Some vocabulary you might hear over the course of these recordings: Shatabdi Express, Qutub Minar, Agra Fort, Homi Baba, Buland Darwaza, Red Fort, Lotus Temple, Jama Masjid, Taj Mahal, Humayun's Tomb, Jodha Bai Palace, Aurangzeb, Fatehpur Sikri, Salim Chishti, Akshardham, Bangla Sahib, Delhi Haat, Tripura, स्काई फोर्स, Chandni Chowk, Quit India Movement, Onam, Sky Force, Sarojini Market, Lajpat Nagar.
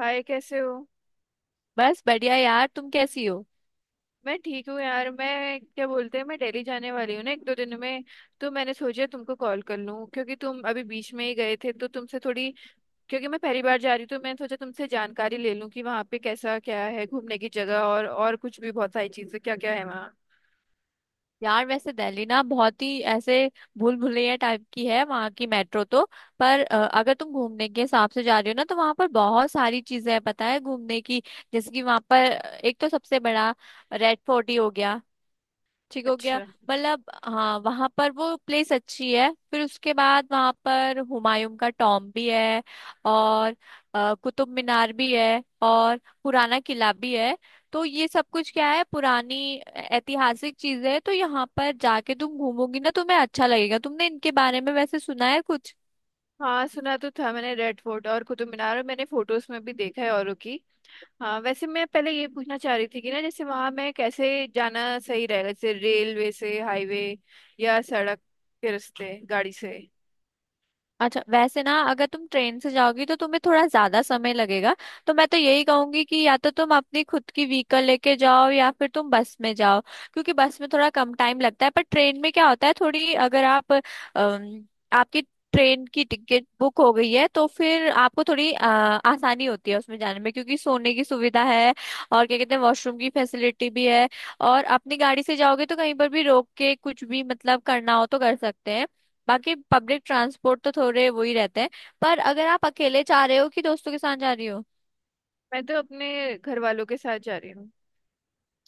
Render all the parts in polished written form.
हाय, कैसे हो? बस बढ़िया यार। तुम कैसी हो? मैं ठीक हूँ यार। मैं क्या बोलते हैं, मैं दिल्ली जाने वाली हूँ ना, 1-2 दिन में। तो मैंने सोचा तुमको कॉल कर लूँ, क्योंकि तुम अभी बीच में ही गए थे तो तुमसे थोड़ी। क्योंकि मैं पहली बार जा रही हूँ तो मैंने सोचा तुमसे जानकारी ले लूँ कि वहाँ पे कैसा क्या है, घूमने की जगह और कुछ भी, बहुत सारी चीज़ें क्या क्या है वहाँ। यार वैसे दिल्ली ना बहुत ही ऐसे भूल भुलैया टाइप की है, वहाँ की मेट्रो तो। पर अगर तुम घूमने के हिसाब से जा रही हो ना तो वहाँ पर बहुत सारी चीजें हैं पता है, घूमने की। जैसे कि वहाँ पर एक तो सबसे बड़ा रेड फोर्ट ही हो गया, ठीक हो गया। अच्छा। मतलब हाँ, वहां पर वो प्लेस अच्छी है। फिर उसके बाद वहां पर हुमायूं का टॉम भी है, और कुतुब मीनार भी है, और पुराना किला भी है। तो ये सब कुछ क्या है, पुरानी ऐतिहासिक चीजें है, तो यहाँ पर जाके तुम घूमोगी ना तुम्हें अच्छा लगेगा। तुमने इनके बारे में वैसे सुना है कुछ? हाँ, सुना तो था मैंने रेड फोर्ट और कुतुब मीनार, और मैंने फोटोज में भी देखा है औरों की। हाँ, वैसे मैं पहले ये पूछना चाह रही थी कि ना, जैसे वहां मैं कैसे जाना सही रहेगा, जैसे रेलवे से, हाईवे या सड़क के रास्ते गाड़ी से। अच्छा वैसे ना, अगर तुम ट्रेन से जाओगी तो तुम्हें थोड़ा ज्यादा समय लगेगा। तो मैं तो यही कहूंगी कि या तो तुम अपनी खुद की व्हीकल लेके जाओ, या फिर तुम बस में जाओ। क्योंकि बस में थोड़ा कम टाइम लगता है, पर ट्रेन में क्या होता है, थोड़ी अगर आप अम, आपकी ट्रेन की टिकट बुक हो गई है तो फिर आपको थोड़ी आसानी होती है उसमें जाने में, क्योंकि सोने की सुविधा है, और क्या कहते हैं वॉशरूम की फैसिलिटी भी है। और अपनी गाड़ी से जाओगे तो कहीं पर भी रोक के कुछ भी मतलब करना हो तो कर सकते हैं। बाकी पब्लिक ट्रांसपोर्ट तो थोड़े वो ही रहते हैं। पर अगर आप अकेले जा रहे हो कि दोस्तों के साथ जा रही हो। मैं तो अपने घर वालों के साथ जा रही हूँ।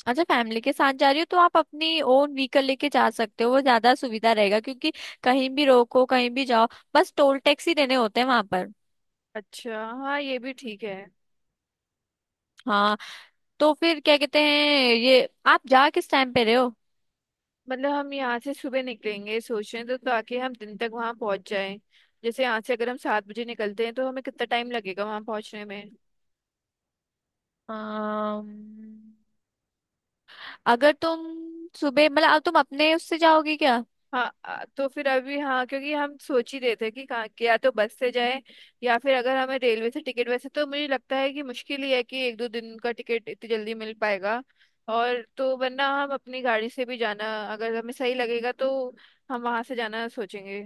अच्छा, फैमिली के साथ जा रही हो तो आप अपनी ओन व्हीकल लेके जा सकते हो, वो ज्यादा सुविधा रहेगा, क्योंकि कहीं भी रोको कहीं भी जाओ। बस टोल टैक्स ही देने होते हैं वहां पर। अच्छा, हाँ, ये भी ठीक है। हाँ, तो फिर क्या कहते हैं, ये आप जा किस टाइम पे रहे हो? मतलब हम यहाँ से सुबह निकलेंगे सोच रहे हैं, तो ताकि हम दिन तक वहाँ पहुँच जाएं। जैसे यहाँ से अगर हम 7 बजे निकलते हैं तो हमें कितना टाइम लगेगा वहाँ पहुँचने में? अम, अगर तुम सुबह मतलब, अब तुम अपने उससे जाओगी क्या? हाँ तो फिर अभी हाँ, क्योंकि हम सोच ही रहे थे कि कहाँ कि या तो बस से जाए, या फिर अगर हमें रेलवे से टिकट, वैसे तो मुझे लगता है कि मुश्किल ही है कि 1-2 दिन का टिकट इतनी जल्दी मिल पाएगा। और तो वरना हम अपनी गाड़ी से भी जाना, अगर हमें सही लगेगा तो हम वहां से जाना सोचेंगे।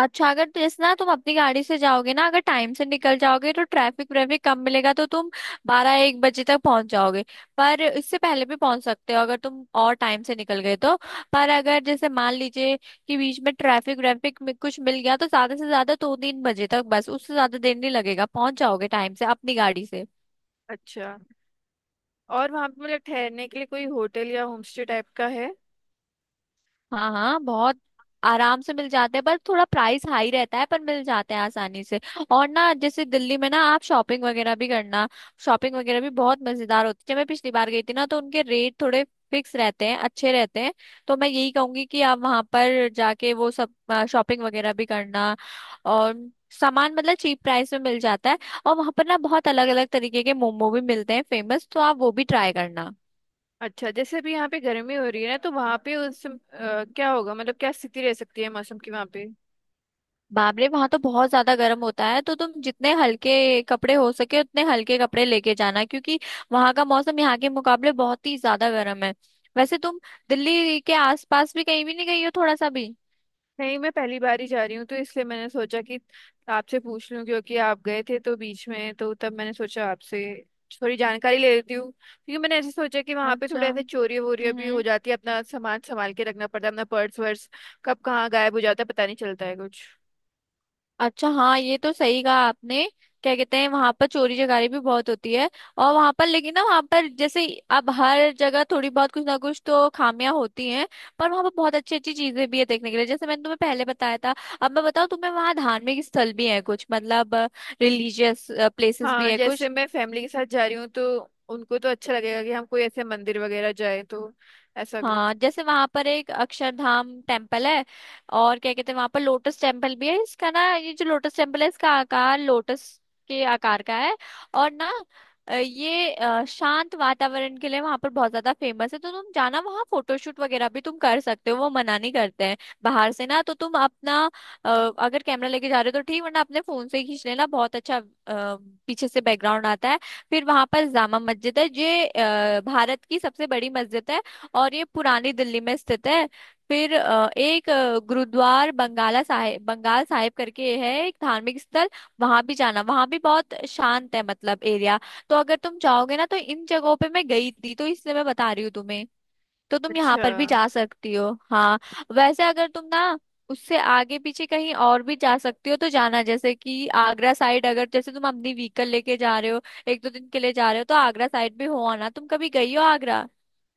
अच्छा, अगर तो इस ना तुम अपनी गाड़ी से जाओगे ना, अगर टाइम से निकल जाओगे तो ट्रैफिक व्रैफिक कम मिलेगा, तो तुम बारह एक बजे तक पहुंच जाओगे। पर इससे पहले भी पहुंच सकते हो अगर तुम और टाइम से निकल गए तो। पर अगर जैसे मान लीजिए कि बीच में ट्रैफिक व्रैफिक में कुछ मिल गया तो ज्यादा से ज्यादा दो तीन बजे तक बस, उससे ज्यादा देर नहीं लगेगा, पहुंच जाओगे टाइम से अपनी गाड़ी से। अच्छा। और वहां पे मतलब ठहरने के लिए कोई होटल या होमस्टे टाइप का है? हाँ हाँ, बहुत आराम से मिल जाते हैं, पर थोड़ा प्राइस हाई रहता है, पर मिल जाते हैं आसानी से। और ना, जैसे दिल्ली में ना आप शॉपिंग वगैरह भी करना। शॉपिंग वगैरह भी बहुत मजेदार होती है, जब मैं पिछली बार गई थी ना तो उनके रेट थोड़े फिक्स रहते हैं, अच्छे रहते हैं। तो मैं यही कहूंगी कि आप वहां पर जाके वो सब शॉपिंग वगैरह भी करना। और सामान मतलब चीप प्राइस में मिल जाता है। और वहां पर ना बहुत अलग अलग तरीके के मोमो भी मिलते हैं फेमस, तो आप वो भी ट्राई करना। अच्छा, जैसे अभी यहाँ पे गर्मी हो रही है ना, तो वहां पे क्या होगा, मतलब क्या स्थिति रह सकती है मौसम की वहां पे? बाप रे, वहां तो बहुत ज्यादा गर्म होता है, तो तुम जितने हल्के कपड़े हो सके उतने हल्के कपड़े लेके जाना, क्योंकि वहां का मौसम यहाँ के मुकाबले बहुत ही ज्यादा गर्म है। वैसे तुम दिल्ली के आसपास भी कहीं भी नहीं गई हो, थोड़ा सा भी? नहीं, मैं पहली बार ही जा रही हूँ, तो इसलिए मैंने सोचा कि आपसे पूछ लूँ, क्योंकि आप गए थे तो बीच में, तो तब मैंने सोचा आपसे थोड़ी जानकारी ले लेती हूँ। क्योंकि मैंने ऐसे सोचा कि वहाँ पे अच्छा। थोड़े ऐसे चोरी वोरियाँ भी हो हम्म। जाती है, अपना सामान संभाल के रखना पड़ता है, अपना पर्स वर्स कब कहाँ गायब हो जाता है पता नहीं चलता है कुछ। अच्छा हाँ, ये तो सही कहा आपने। क्या कहते हैं, वहां पर चोरी चकारी भी बहुत होती है। और वहां पर लेकिन ना, वहां पर जैसे, अब हर जगह थोड़ी बहुत कुछ ना कुछ तो खामियां होती हैं। पर वहां पर बहुत अच्छी अच्छी चीजें भी है देखने के लिए, जैसे मैंने तुम्हें पहले बताया था। अब मैं बताऊँ तुम्हें, वहां धार्मिक स्थल भी है कुछ, मतलब रिलीजियस प्लेसेस भी हाँ, है जैसे कुछ। मैं फैमिली के साथ जा रही हूँ तो उनको तो अच्छा लगेगा कि हम कोई ऐसे मंदिर वगैरह जाए, तो ऐसा कुछ। हाँ, जैसे वहां पर एक अक्षरधाम टेम्पल है, और क्या कहते हैं वहां पर लोटस टेम्पल भी है। इसका ना, ये जो लोटस टेम्पल है इसका आकार लोटस के आकार का है। और ना ये शांत वातावरण के लिए वहां पर बहुत ज्यादा फेमस है, तो तुम जाना वहां, फोटोशूट वगैरह भी तुम कर सकते हो, वो मना नहीं करते हैं बाहर से ना। तो तुम अपना, अ, अगर कैमरा लेके जा रहे हो तो ठीक, वरना अपने फोन से ही खींच लेना, बहुत अच्छा पीछे से बैकग्राउंड आता है। फिर वहां पर जामा मस्जिद है, ये भारत की सबसे बड़ी मस्जिद है, और ये पुरानी दिल्ली में स्थित है। फिर एक गुरुद्वार बंगाला साहिब बंगाल साहिब करके है, एक धार्मिक स्थल, वहां भी जाना, वहां भी बहुत शांत है मतलब एरिया। तो अगर तुम चाहोगे ना तो इन जगहों पे मैं गई थी तो इसलिए मैं बता रही हूँ तुम्हें, तो तुम यहाँ अच्छा। पर भी जा सकती हो। हाँ, वैसे अगर तुम ना उससे आगे पीछे कहीं और भी जा सकती हो तो जाना, जैसे कि आगरा साइड, अगर जैसे तुम अपनी व्हीकल लेके जा रहे हो, एक दो दिन के लिए जा रहे हो तो आगरा साइड भी हो आना। तुम कभी गई हो आगरा?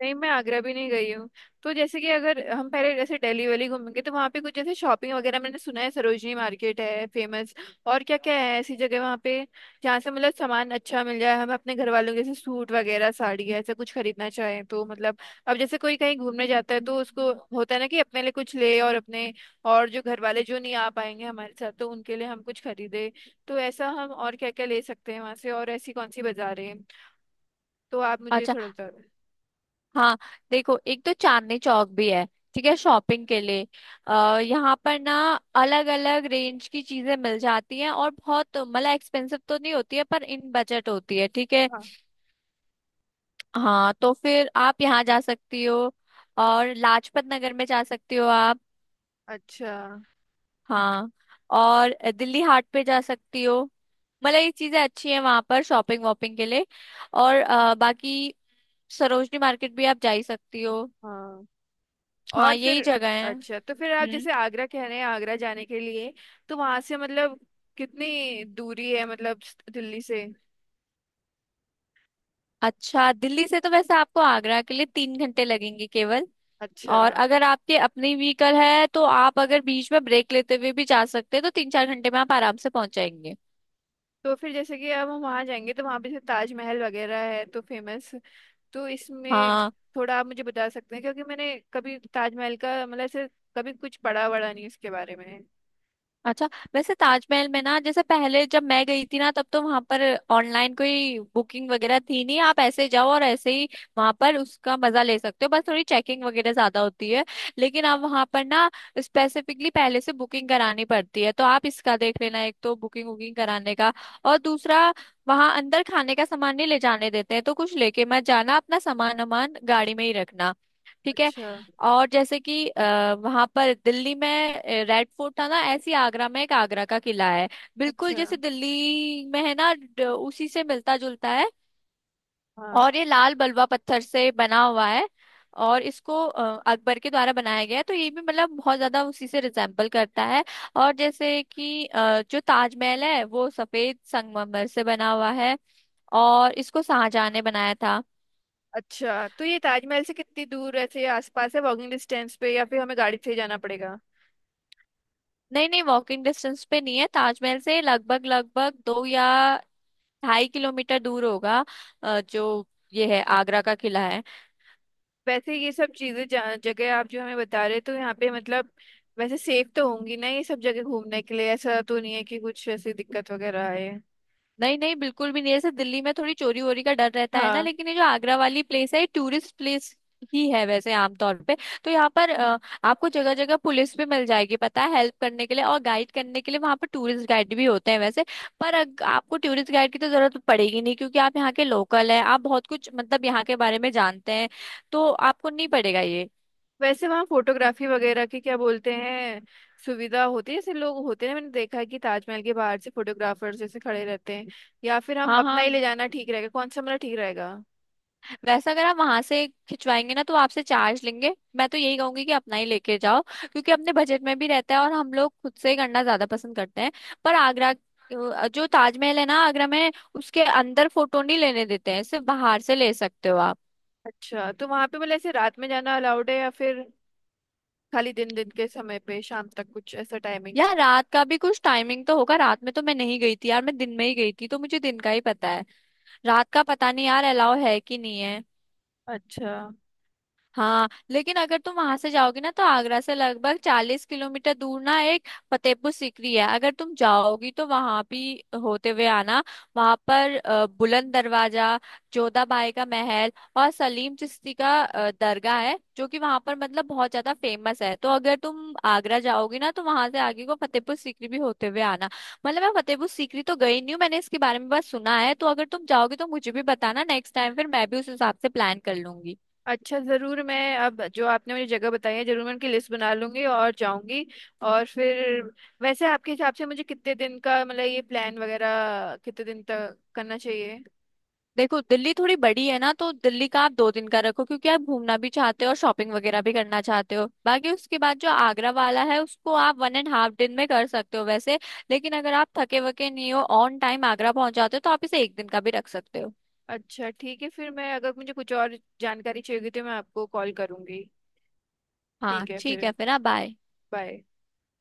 नहीं, मैं आगरा भी नहीं गई हूँ। तो जैसे कि अगर हम पहले जैसे दिल्ली वैली घूमेंगे तो वहाँ पे कुछ, जैसे शॉपिंग वगैरह, मैंने सुना है सरोजनी मार्केट है फेमस। और क्या क्या है ऐसी जगह वहाँ पे, जहाँ से मतलब सामान अच्छा मिल जाए हमें, अपने घर वालों के जैसे सूट वगैरह, साड़ी, ऐसा कुछ खरीदना चाहें तो। मतलब अब जैसे कोई कहीं घूमने जाता है तो हम्म। उसको होता है ना कि अपने लिए कुछ ले और अपने, और जो घर वाले जो नहीं आ पाएंगे हमारे साथ तो उनके लिए हम कुछ खरीदे। तो ऐसा हम और क्या क्या ले सकते हैं वहाँ से, और ऐसी कौन सी बाजारें हैं? तो आप मुझे अच्छा थोड़ा बता दें। हाँ, देखो एक तो चांदनी चौक भी है, ठीक है शॉपिंग के लिए। अ यहाँ पर ना अलग अलग रेंज की चीजें मिल जाती हैं, और बहुत मतलब एक्सपेंसिव तो नहीं होती है, पर इन बजट होती है, ठीक है। हाँ। हाँ, तो फिर आप यहाँ जा सकती हो, और लाजपत नगर में जा सकती हो आप। अच्छा। हाँ, और दिल्ली हाट पे जा सकती हो, मतलब ये चीजें अच्छी हैं वहां पर शॉपिंग वॉपिंग के लिए। और बाकी सरोजनी मार्केट भी आप जा ही सकती हो। हाँ। हाँ और फिर, यही जगह है। अच्छा, तो फिर आप हम्म। जैसे आगरा कह रहे हैं, आगरा जाने के लिए तो वहां से मतलब कितनी दूरी है, मतलब दिल्ली से? अच्छा, दिल्ली से तो वैसे आपको आगरा के लिए 3 घंटे लगेंगे केवल। अच्छा। और अगर आपके अपनी व्हीकल है तो आप अगर बीच में ब्रेक लेते हुए भी जा सकते हैं, तो 3-4 घंटे में आप आराम से पहुंच जाएंगे। तो फिर जैसे कि अब हम वहां जाएंगे तो वहां पे जैसे ताजमहल वगैरह है तो फेमस, तो इसमें हाँ। थोड़ा आप मुझे बता सकते हैं? क्योंकि मैंने कभी ताजमहल का मतलब ऐसे कभी कुछ पढ़ा वढ़ा नहीं उसके बारे में। अच्छा वैसे ताजमहल में ना, जैसे पहले जब मैं गई थी ना तब तो वहां पर ऑनलाइन कोई बुकिंग वगैरह थी नहीं, आप ऐसे जाओ और ऐसे ही वहां पर उसका मजा ले सकते हो, बस थोड़ी चेकिंग वगैरह ज्यादा होती है। लेकिन अब वहां पर ना स्पेसिफिकली पहले से बुकिंग करानी पड़ती है, तो आप इसका देख लेना, एक तो बुकिंग वुकिंग कराने का, और दूसरा वहां अंदर खाने का सामान नहीं ले जाने देते हैं, तो कुछ लेके मत जाना, अपना सामान वामान गाड़ी में ही रखना, ठीक है। अच्छा। और जैसे कि वहां पर दिल्ली में रेड फोर्ट था ना, ऐसी आगरा में एक आगरा का किला है, बिल्कुल अच्छा। जैसे दिल्ली में है ना, उसी से मिलता जुलता है। हाँ। और ये लाल बलुआ पत्थर से बना हुआ है, और इसको अकबर के द्वारा बनाया गया है, तो ये भी मतलब बहुत ज्यादा उसी से रिजेम्बल करता है। और जैसे कि जो ताजमहल है वो सफेद संगमरमर से बना हुआ है, और इसको शाहजहां ने बनाया था। अच्छा, तो ये ताजमहल से कितनी दूर ऐसे आसपास है, वॉकिंग डिस्टेंस पे, या फिर हमें गाड़ी से ही जाना पड़ेगा? नहीं नहीं, वॉकिंग डिस्टेंस पे नहीं है, ताजमहल से लगभग लगभग 2 या 2.5 किलोमीटर दूर होगा जो ये है आगरा का किला है। वैसे ये सब चीजें जगह आप जो हमें बता रहे, तो यहाँ पे मतलब वैसे सेफ तो होंगी ना ये सब जगह घूमने के लिए? ऐसा तो नहीं है कि कुछ ऐसी दिक्कत वगैरह आए? नहीं नहीं बिल्कुल भी नहीं, जैसे दिल्ली में थोड़ी चोरी वोरी का डर रहता है ना, हाँ। लेकिन ये जो आगरा वाली प्लेस है ये टूरिस्ट प्लेस ही है वैसे, आमतौर पे। तो यहाँ पर आपको जगह जगह पुलिस भी मिल जाएगी पता है, हेल्प करने के लिए, और गाइड करने के लिए वहाँ पर टूरिस्ट गाइड भी होते हैं वैसे। पर आपको टूरिस्ट गाइड की तो जरूरत पड़ेगी नहीं, क्योंकि आप यहाँ के लोकल है, आप बहुत कुछ मतलब यहाँ के बारे में जानते हैं, तो आपको नहीं पड़ेगा ये। वैसे वहाँ फोटोग्राफी वगैरह की क्या बोलते हैं, सुविधा होती है, जैसे लोग होते हैं, मैंने देखा है कि ताजमहल के बाहर से फोटोग्राफर्स जैसे खड़े रहते हैं? या फिर हम हाँ अपना हाँ, ही ले जाना ठीक रहेगा, कौन सा हमारा ठीक रहेगा? वैसे अगर आप वहां से खिंचवाएंगे ना तो आपसे चार्ज लेंगे, मैं तो यही कहूंगी कि अपना ही लेके जाओ, क्योंकि अपने बजट में भी रहता है, और हम लोग खुद से ही करना ज्यादा पसंद करते हैं। पर आगरा, जो ताजमहल है ना आगरा में, उसके अंदर फोटो नहीं लेने देते हैं, सिर्फ बाहर से ले सकते हो आप। अच्छा, तो वहाँ पे मतलब ऐसे रात में जाना अलाउड है, या फिर खाली दिन दिन के समय पे शाम तक, कुछ ऐसा टाइमिंग? यार, रात का भी कुछ टाइमिंग तो होगा, रात में तो मैं नहीं गई थी यार, मैं दिन में ही गई थी तो मुझे दिन का ही पता है, रात का पता नहीं यार अलाउ है कि नहीं है। अच्छा। हाँ, लेकिन अगर तुम वहां से जाओगे ना, तो आगरा से लगभग 40 किलोमीटर दूर ना एक फतेहपुर सीकरी है, अगर तुम जाओगी तो वहां भी होते हुए आना। वहां पर बुलंद दरवाजा, जोधाबाई का महल, और सलीम चिश्ती का दरगाह है, जो कि वहां पर मतलब बहुत ज्यादा फेमस है, तो अगर तुम आगरा जाओगी ना तो वहां से आगे को फतेहपुर सीकरी भी होते हुए आना। मतलब मैं फतेहपुर सीकरी तो गई नहीं हूँ, मैंने इसके बारे में बस सुना है, तो अगर तुम जाओगे तो मुझे भी बताना, नेक्स्ट टाइम फिर मैं भी उस हिसाब से प्लान कर लूंगी। अच्छा, जरूर, मैं अब जो आपने मुझे जगह बताई है जरूर मैं उनकी लिस्ट बना लूंगी और जाऊंगी। और फिर वैसे आपके हिसाब से मुझे कितने दिन का मतलब ये प्लान वगैरह कितने दिन तक करना चाहिए? देखो, दिल्ली थोड़ी बड़ी है ना, तो दिल्ली का आप 2 दिन का रखो, क्योंकि आप घूमना भी चाहते हो और शॉपिंग वगैरह भी करना चाहते हो, बाकी उसके बाद जो आगरा वाला है उसको आप 1.5 दिन में कर सकते हो वैसे। लेकिन अगर आप थके वके नहीं हो, ऑन टाइम आगरा पहुंच जाते हो तो आप इसे एक दिन का भी रख सकते हो। अच्छा, ठीक है फिर। मैं अगर मुझे कुछ और जानकारी चाहिए होगी तो मैं आपको कॉल करूंगी। हाँ ठीक है ठीक है, फिर। फिर ना, बाय। बाय।